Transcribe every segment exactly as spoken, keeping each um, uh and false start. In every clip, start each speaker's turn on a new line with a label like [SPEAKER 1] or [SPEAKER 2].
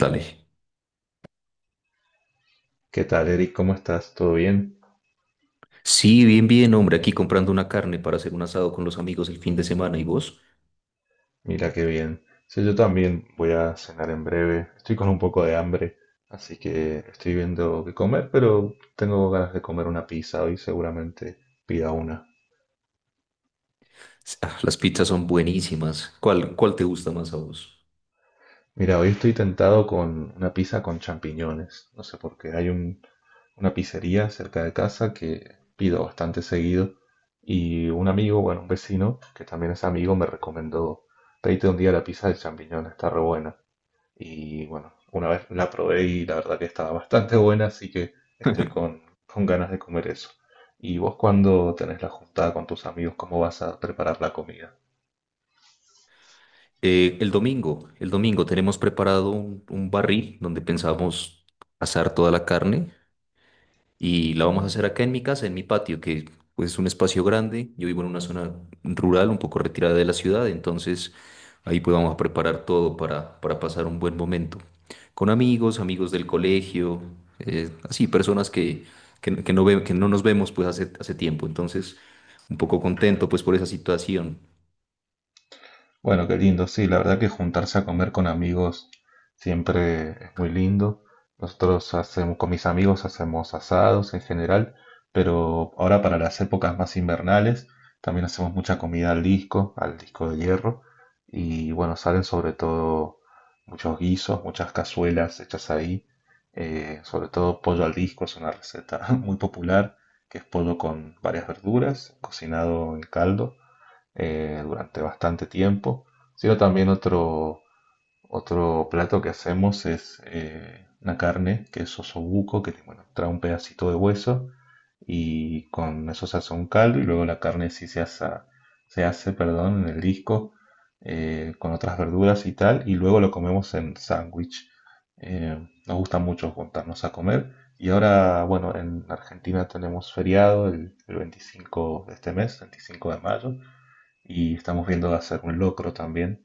[SPEAKER 1] Dale.
[SPEAKER 2] ¿Qué tal, Eric? ¿Cómo estás? ¿Todo bien?
[SPEAKER 1] Sí, bien, bien, hombre, aquí comprando una carne para hacer un asado con los amigos el fin de semana. ¿Y vos?
[SPEAKER 2] Mira qué bien. Sí, yo también voy a cenar en breve. Estoy con un poco de hambre, así que estoy viendo qué comer, pero tengo ganas de comer una pizza hoy, seguramente pida una.
[SPEAKER 1] Ah, las pizzas son buenísimas. ¿Cuál, cuál te gusta más a vos?
[SPEAKER 2] Mira, hoy estoy tentado con una pizza con champiñones. No sé por qué. Hay un- una pizzería cerca de casa que pido bastante seguido y un amigo, bueno, un vecino, que también es amigo, me recomendó, pedite un día la pizza de champiñones, está re buena. Y bueno, una vez la probé y la verdad que estaba bastante buena, así que estoy con, con ganas de comer eso. ¿Y vos cuando tenés la juntada con tus amigos, cómo vas a preparar la comida?
[SPEAKER 1] Eh, el domingo, el domingo tenemos preparado un, un barril donde pensamos asar toda la carne. Y la vamos a hacer acá en mi casa, en mi patio, que pues, es un espacio grande. Yo vivo en una zona rural, un poco retirada de la ciudad, entonces ahí pues vamos a preparar todo para, para pasar un buen momento. Con amigos, amigos del colegio, eh, así, personas que, que, que no ve- que no nos vemos pues hace, hace tiempo. Entonces, un poco contento pues por esa situación.
[SPEAKER 2] Bueno, qué lindo, sí, la verdad que juntarse a comer con amigos siempre es muy lindo. Nosotros hacemos, con mis amigos hacemos asados en general, pero ahora para las épocas más invernales también hacemos mucha comida al disco, al disco de hierro, y bueno, salen sobre todo muchos guisos, muchas cazuelas hechas ahí, eh, sobre todo pollo al disco es una receta muy popular, que es pollo con varias verduras, cocinado en caldo eh, durante bastante tiempo, sino también otro, otro plato que hacemos es eh, una carne que es osobuco, que bueno, trae un pedacito de hueso y con eso se hace un caldo y luego la carne sí se hace, se hace, perdón, en el disco eh, con otras verduras y tal y luego lo comemos en sándwich. Eh, Nos gusta mucho juntarnos a comer y ahora, bueno, en Argentina tenemos feriado el, el veinticinco de este mes, veinticinco de mayo, y estamos viendo hacer un locro también,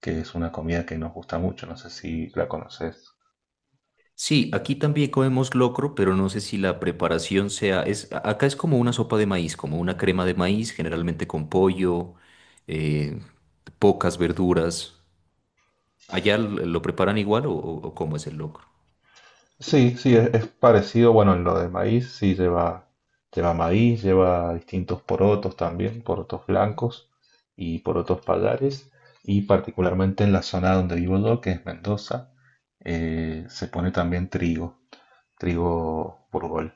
[SPEAKER 2] que es una comida que nos gusta mucho, no sé si la conoces.
[SPEAKER 1] Sí, aquí también comemos locro, pero no sé si la preparación sea, es, a- acá es como una sopa de maíz, como una crema de maíz, generalmente con pollo, eh, pocas verduras. ¿Allá l- lo preparan igual o, o- o cómo es el locro?
[SPEAKER 2] Sí, sí, es, es parecido, bueno, en lo de maíz, sí lleva, lleva maíz, lleva distintos porotos también, porotos blancos y porotos pallares, y particularmente en la zona donde vivo yo, que es Mendoza, eh, se pone también trigo. Trigo burgol.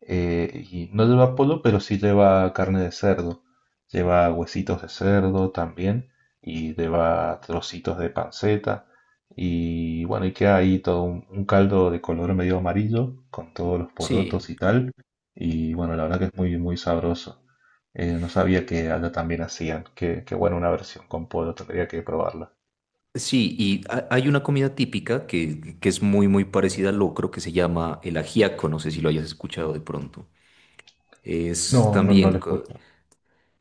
[SPEAKER 2] Eh, y no lleva polo, pero sí lleva carne de cerdo. Lleva huesitos de cerdo también y lleva trocitos de panceta. Y bueno, y queda ahí todo un, un caldo de color medio amarillo con todos los porotos
[SPEAKER 1] Sí,
[SPEAKER 2] y tal. Y bueno, la verdad que es muy, muy sabroso. Eh, no sabía que allá también hacían. Que, que bueno, una versión con polo, tendría que probarla.
[SPEAKER 1] sí, y ha- hay una comida típica que, que es muy, muy parecida al locro, que se llama el ajiaco, no sé si lo hayas escuchado de pronto. Es
[SPEAKER 2] No, no, no lo
[SPEAKER 1] también co-
[SPEAKER 2] escucho.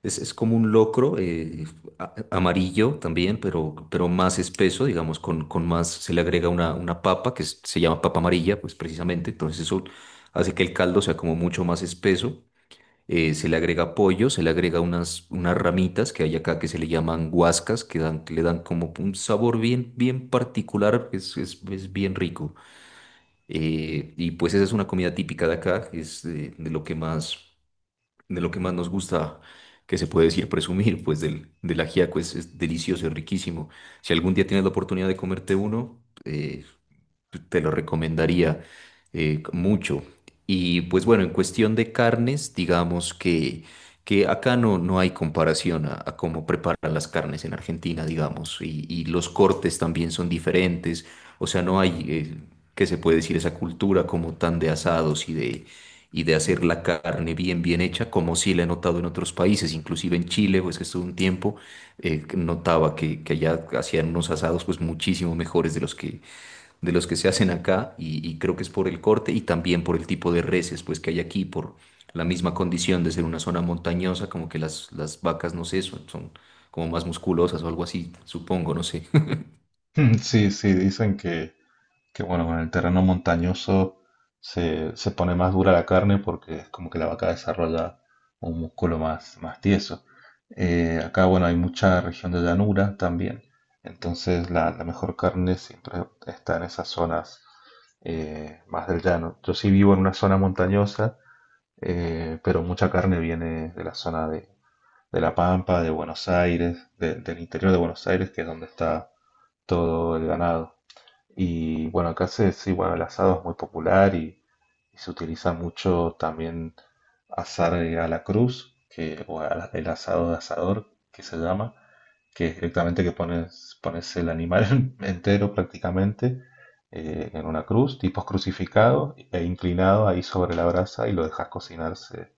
[SPEAKER 1] Es, es como un locro eh, a- amarillo también, pero, pero más espeso, digamos, con, con más, se le agrega una, una papa que es- se llama papa amarilla, pues precisamente, entonces eso hace que el caldo sea como mucho más espeso. Eh, se le agrega pollo, se le agrega unas, unas ramitas que hay acá que se le llaman guascas, que dan, que le dan como un sabor bien, bien particular, que es, es, es bien rico. Eh, y pues esa es una comida típica de acá, es de de lo que más de lo que más nos gusta, que se puede decir presumir, pues del, del ajiaco es, es delicioso, es riquísimo. Si algún día tienes la oportunidad de comerte uno, eh, te lo recomendaría eh, mucho. Y pues bueno, en cuestión de carnes, digamos que, que acá no, no hay comparación a, a cómo preparan las carnes en Argentina, digamos, y, y los cortes también son diferentes, o sea, no hay, eh, ¿qué se puede decir? Esa cultura como tan de asados y de, y de hacer la carne bien, bien hecha, como sí la he notado en otros países, inclusive en Chile, pues que estuve un tiempo, eh, notaba que, que allá hacían unos asados pues muchísimo mejores de los que de los que se hacen acá y, y creo que es por el corte y también por el tipo de reses pues que hay aquí, por la misma condición de ser una zona montañosa, como que las, las vacas, no sé, son, son como más musculosas o algo así, supongo, no sé.
[SPEAKER 2] Sí, sí, dicen que, Que bueno, con el terreno montañoso se, se pone más dura la carne porque es como que la vaca desarrolla un músculo más, más tieso. Eh, acá, bueno, hay mucha región de llanura también, entonces la, la mejor carne siempre está en esas zonas eh, más del llano. Yo sí vivo en una zona montañosa, eh, pero mucha carne viene de la zona de, de La Pampa, de Buenos Aires, de- del interior de Buenos Aires, que es donde está todo el ganado. Y bueno, acá se, sí, bueno, el asado es muy popular y, y se utiliza mucho también asar eh, a la cruz, que, o a- la- el asado de asador, que se llama, que es directamente que pones, pones el animal entero prácticamente eh, en una cruz, tipo crucificado e inclinado ahí sobre la brasa y lo dejas cocinarse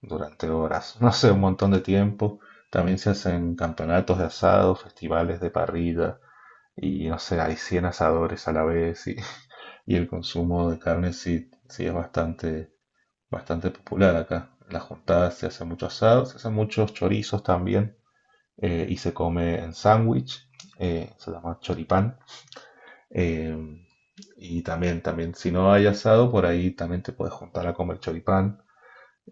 [SPEAKER 2] durante horas, no sé, un montón de tiempo. También se hacen campeonatos de asado, festivales de parrilla y no sé, hay cien asadores a la vez y y el consumo de carne sí, sí es bastante, bastante popular acá. En las juntadas se hacen muchos asados se hacen muchos chorizos también eh, y se come en sándwich, eh, se llama choripán. Eh, y también, también, si no hay asado, por ahí también te puedes juntar a comer choripán.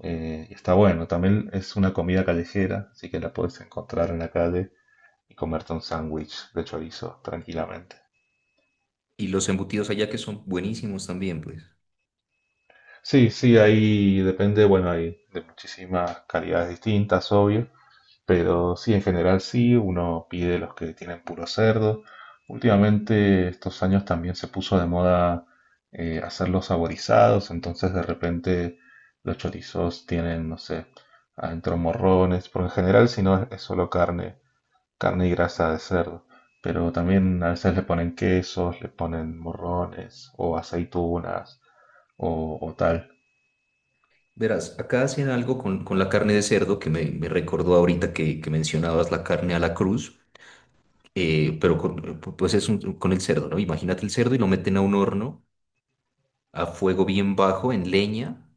[SPEAKER 2] eh, Y está bueno, también es una comida callejera, así que la puedes encontrar en la calle y comerte un sándwich de chorizo tranquilamente.
[SPEAKER 1] Y los embutidos allá que son buenísimos también, pues.
[SPEAKER 2] Sí, sí, ahí depende, bueno, hay de muchísimas calidades distintas, obvio, pero sí, en general sí, uno pide los que tienen puro cerdo. Últimamente, estos años también se puso de moda eh, hacerlos saborizados, entonces de repente los chorizos tienen, no sé, adentro morrones, porque en general si no es, es solo carne, carne y grasa de cerdo, pero también a veces le ponen quesos, le ponen morrones o aceitunas o o tal.
[SPEAKER 1] Verás, acá hacen algo con, con la carne de cerdo que me, me recordó ahorita que, que mencionabas la carne a la cruz, eh, pero con, pues es un- con el cerdo, ¿no? Imagínate el cerdo y lo meten a un horno a fuego bien bajo, en leña,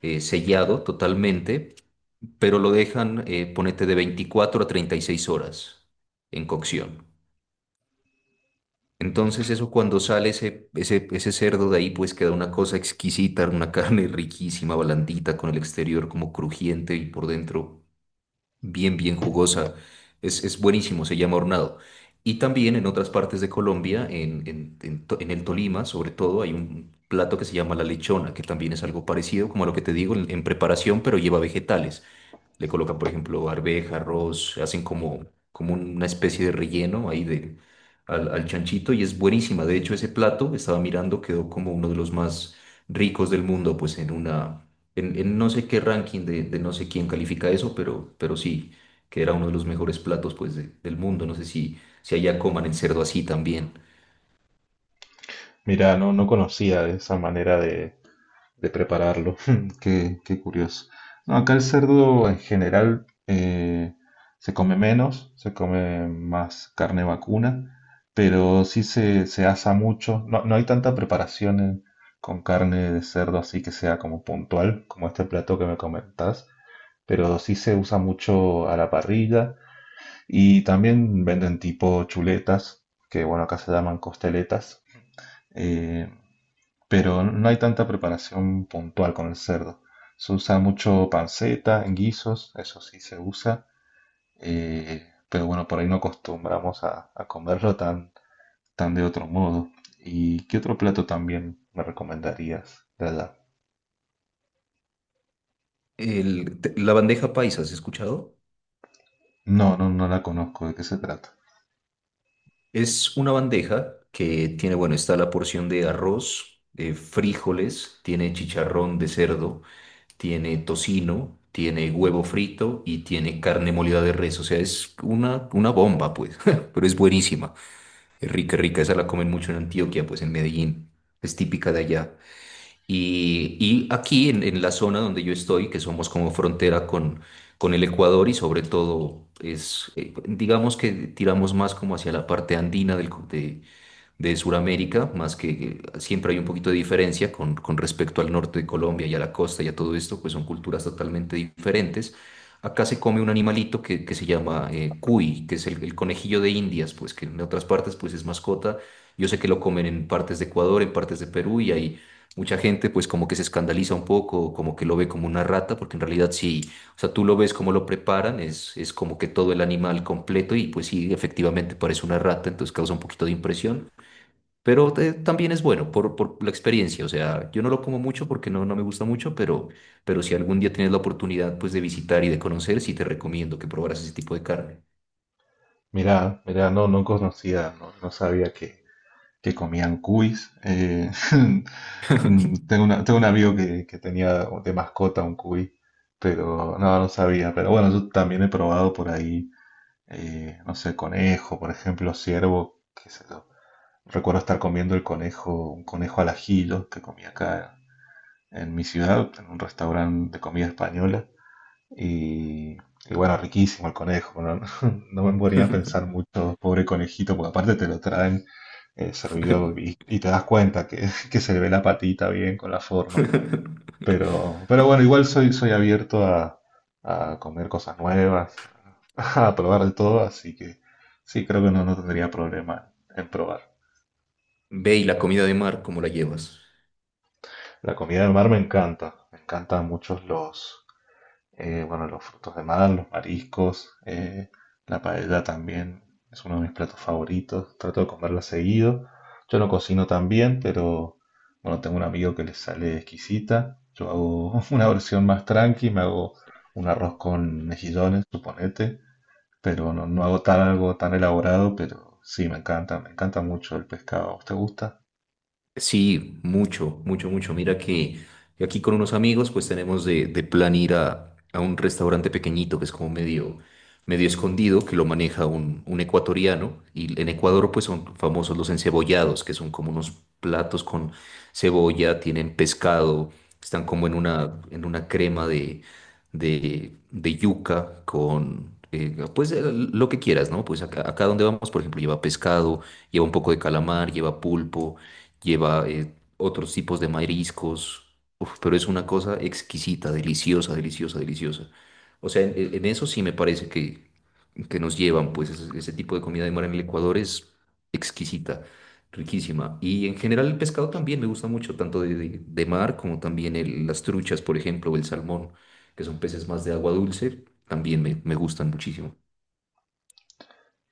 [SPEAKER 1] eh, sellado totalmente, pero lo dejan, eh, ponete, de veinticuatro a treinta y seis horas en cocción. Entonces eso cuando sale ese, ese, ese cerdo de ahí, pues queda una cosa exquisita, una carne riquísima, blandita, con el exterior como crujiente y por dentro bien, bien jugosa. Es, es buenísimo, se llama hornado. Y también en otras partes de Colombia, en, en- en To- en el Tolima, sobre todo, hay un plato que se llama la lechona, que también es algo parecido, como a lo que te digo, en, en preparación, pero lleva vegetales. Le colocan, por ejemplo, arveja, arroz, hacen como, como una especie de relleno ahí de, al, al chanchito y es buenísima. De hecho, ese plato, estaba mirando, quedó como uno de los más ricos del mundo, pues en una, en, en no sé qué ranking de, de no sé quién califica eso, pero, pero sí, que era uno de los mejores platos, pues, de- del mundo. No sé si, si allá coman el cerdo así también.
[SPEAKER 2] Mira, no, no conocía esa manera de, de prepararlo. Qué, qué curioso. No, acá el cerdo en general eh, se come menos, se come más carne vacuna, pero sí se, se asa mucho. No, no hay tanta preparación en- con carne de cerdo así que sea como puntual, como este plato que me comentás, pero sí se usa mucho a la parrilla y también venden tipo chuletas, que bueno, acá se llaman costeletas. Eh, pero no hay tanta preparación puntual con el cerdo. Se usa mucho panceta, en guisos, eso sí se usa, eh, pero bueno, por ahí no acostumbramos a, a comerlo tan, tan de otro modo. ¿Y qué otro plato también me recomendarías de allá?
[SPEAKER 1] El- te- la bandeja paisa, ¿has escuchado?
[SPEAKER 2] No, no, no la conozco, ¿de qué se trata?
[SPEAKER 1] Es una bandeja que tiene, bueno, está la porción de arroz, eh, frijoles, tiene chicharrón de cerdo, tiene tocino, tiene huevo frito y tiene carne molida de res. O sea, es una, una bomba, pues, pero es buenísima. Es rica, rica. Esa la comen mucho en Antioquia, pues en Medellín. Es típica de allá. Y, y aquí en, en la zona donde yo estoy, que somos como frontera con, con el Ecuador y sobre todo es, eh, digamos que tiramos más como hacia la parte andina del, co- de, de Sudamérica, más que eh, siempre hay un poquito de diferencia con, con respecto al norte de Colombia y a la costa y a todo esto, pues son culturas totalmente diferentes. Acá se come un animalito que, que se llama eh, cuy, que es el, el conejillo de Indias, pues que en otras partes pues es mascota. Yo sé que lo comen en partes de Ecuador, en partes de Perú y hay mucha gente pues como que se escandaliza un poco, como que lo ve como una rata, porque en realidad sí, o sea, tú lo ves como lo preparan, es, es como que todo el animal completo y pues sí, efectivamente parece una rata, entonces causa un poquito de impresión. Pero eh, también es bueno por, por la experiencia. O sea, yo no lo como mucho porque no, no me gusta mucho, pero, pero si algún día tienes la oportunidad pues de visitar y de conocer, sí te recomiendo que probaras ese tipo de carne.
[SPEAKER 2] Mirá, mirá, no, no conocía, no, no sabía que, que comían cuis. eh, mm, tengo una- tengo un amigo que, que tenía de mascota un cuy, pero no, no sabía. Pero bueno, yo también he probado por ahí, eh, no sé, conejo, por ejemplo, ciervo, qué sé yo. Recuerdo estar comiendo el conejo, un conejo al ajillo que comía acá en mi ciudad, en un restaurante de comida española. Y, y bueno, riquísimo el conejo, ¿no? No me ponía a pensar mucho, pobre conejito, porque aparte te lo traen eh, servido y, y te das cuenta que, que se le ve la patita bien con la forma. Pero, pero bueno, igual soy, soy abierto a, a comer cosas nuevas, a probar de todo, así que sí, creo que no, no tendría problema en probar.
[SPEAKER 1] Ve y la comida de mar, ¿cómo la llevas?
[SPEAKER 2] La comida del mar me encanta, me encantan muchos los, eh, bueno, los frutos de mar, los mariscos, eh, la paella también es uno de mis platos favoritos. Trato de comerla seguido. Yo no cocino tan bien, pero bueno, tengo un amigo que le sale exquisita. Yo hago una versión más tranqui, me hago un arroz con mejillones, suponete, pero no, no hago tan algo tan elaborado, pero sí, me encanta, me encanta mucho el pescado. ¿A vos te gusta?
[SPEAKER 1] Sí, mucho, mucho, mucho. Mira que que aquí con unos amigos pues tenemos de, de plan ir a, a un restaurante pequeñito que es como medio, medio escondido, que lo maneja un, un ecuatoriano. Y en Ecuador pues son famosos los encebollados, que son como unos platos con cebolla, tienen pescado, están como en una, en una crema de, de, de yuca con eh, pues eh, lo que quieras, ¿no? Pues acá, acá donde vamos, por ejemplo, lleva pescado, lleva un poco de calamar, lleva pulpo, lleva eh, otros tipos de mariscos. Uf, pero es una cosa exquisita, deliciosa, deliciosa, deliciosa. O sea, en, en eso sí me parece que, que nos llevan, pues ese, ese tipo de comida de mar en el Ecuador es exquisita, riquísima. Y en general el pescado también me gusta mucho, tanto de, de- de mar como también el- las truchas, por ejemplo, o el salmón, que son peces más de agua dulce, también me, me gustan muchísimo.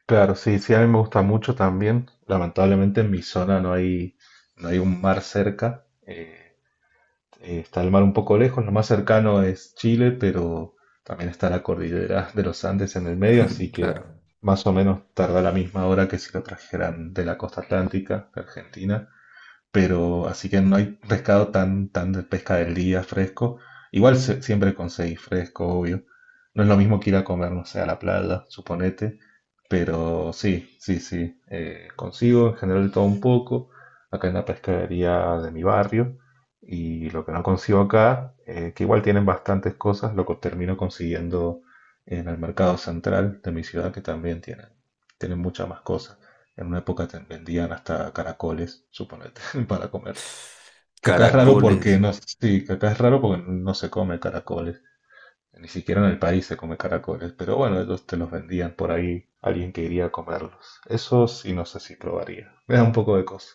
[SPEAKER 2] Claro, sí, sí, a mí me gusta mucho también. Lamentablemente en mi zona no hay, no hay un mar cerca. eh, Eh, está el mar un poco lejos, lo más cercano es Chile, pero también está la cordillera de los Andes en el medio, así que
[SPEAKER 1] Claro.
[SPEAKER 2] más o menos tarda la misma hora que si lo trajeran de la costa atlántica, de Argentina, pero así que no hay pescado tan, tan de pesca del día fresco. Igual se- siempre conseguís fresco, obvio. No es lo mismo que ir a comer, no sé, a la playa, suponete, pero sí, sí, sí, eh, consigo en general de todo un poco, acá en la pescadería de mi barrio, y lo que no consigo acá, eh, que igual tienen bastantes cosas, lo que termino consiguiendo en el mercado central de mi ciudad, que también tienen, tienen muchas más cosas. En una época te vendían hasta caracoles, suponete, para comer. Que acá es raro porque
[SPEAKER 1] Caracoles.
[SPEAKER 2] no, sí, que acá es raro porque no se come caracoles. Ni siquiera en el país se come caracoles. Pero bueno, ellos te los vendían por ahí alguien que iría a comerlos. Eso sí no sé si probaría. Me da un poco de cosa.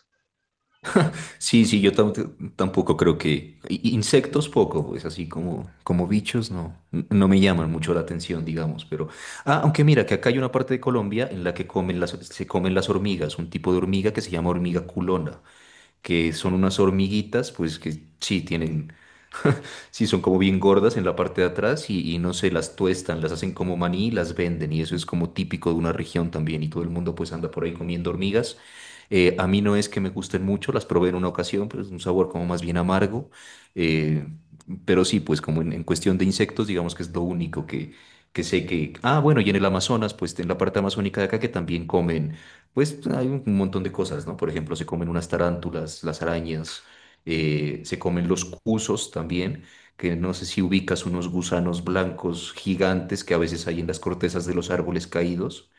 [SPEAKER 1] Sí, sí, yo tam- tampoco creo que i- insectos poco, pues así como, como bichos no, n- no me llaman mucho la atención, digamos, pero… Ah, aunque mira que acá hay una parte de Colombia en la que comen las, se comen las hormigas, un tipo de hormiga que se llama hormiga culona, que son unas hormiguitas, pues que sí, tienen sí son como bien gordas en la parte de atrás y, y no sé, las tuestan, las hacen como maní y las venden y eso es como típico de una región también y todo el mundo pues anda por ahí comiendo hormigas. Eh, a mí no es que me gusten mucho, las probé en una ocasión, pero es un sabor como más bien amargo. eh, pero sí, pues como en, en cuestión de insectos, digamos que es lo único que, que sé que… Ah, bueno, y en el Amazonas, pues en la parte amazónica de acá que también comen, pues hay un montón de cosas, ¿no? Por ejemplo, se comen unas tarántulas, las arañas, eh, se comen los cusos también que no sé si ubicas unos gusanos blancos gigantes que a veces hay en las cortezas de los árboles caídos,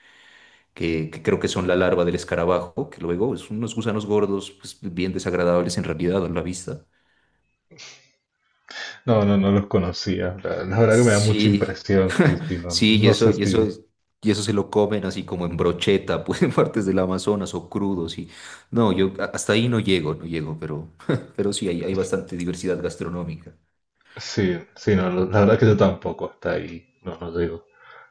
[SPEAKER 1] que, que creo que son la larva del escarabajo, que luego son unos gusanos gordos, pues, bien desagradables en realidad a la vista.
[SPEAKER 2] No, no, no los conocía. La, la verdad que me da mucha
[SPEAKER 1] Sí,
[SPEAKER 2] impresión. Sí, sí, no,
[SPEAKER 1] sí, y
[SPEAKER 2] no
[SPEAKER 1] eso,
[SPEAKER 2] sé
[SPEAKER 1] y eso,
[SPEAKER 2] si...
[SPEAKER 1] es- y eso se lo comen así como en brocheta, pues en partes del Amazonas o crudos. Y… No, yo a- hasta ahí no llego, no llego, pero, pero sí, hay, hay bastante diversidad gastronómica.
[SPEAKER 2] Sí, sí, no, la verdad que yo tampoco. Hasta ahí, no, no digo.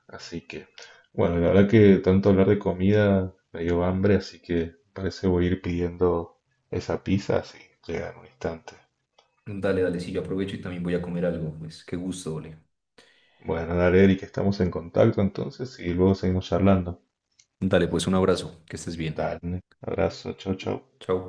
[SPEAKER 2] Así que, bueno, la verdad que tanto hablar de comida me dio hambre, así que parece voy a ir pidiendo esa pizza, así llega en un instante.
[SPEAKER 1] Dale, dale, sí, yo aprovecho y también voy a comer algo, pues qué gusto, Ole.
[SPEAKER 2] Bueno, dale, Eric, estamos en contacto entonces y luego seguimos charlando.
[SPEAKER 1] Dale, pues un abrazo, que estés bien.
[SPEAKER 2] Dale, abrazo, chau, chau.
[SPEAKER 1] Chao.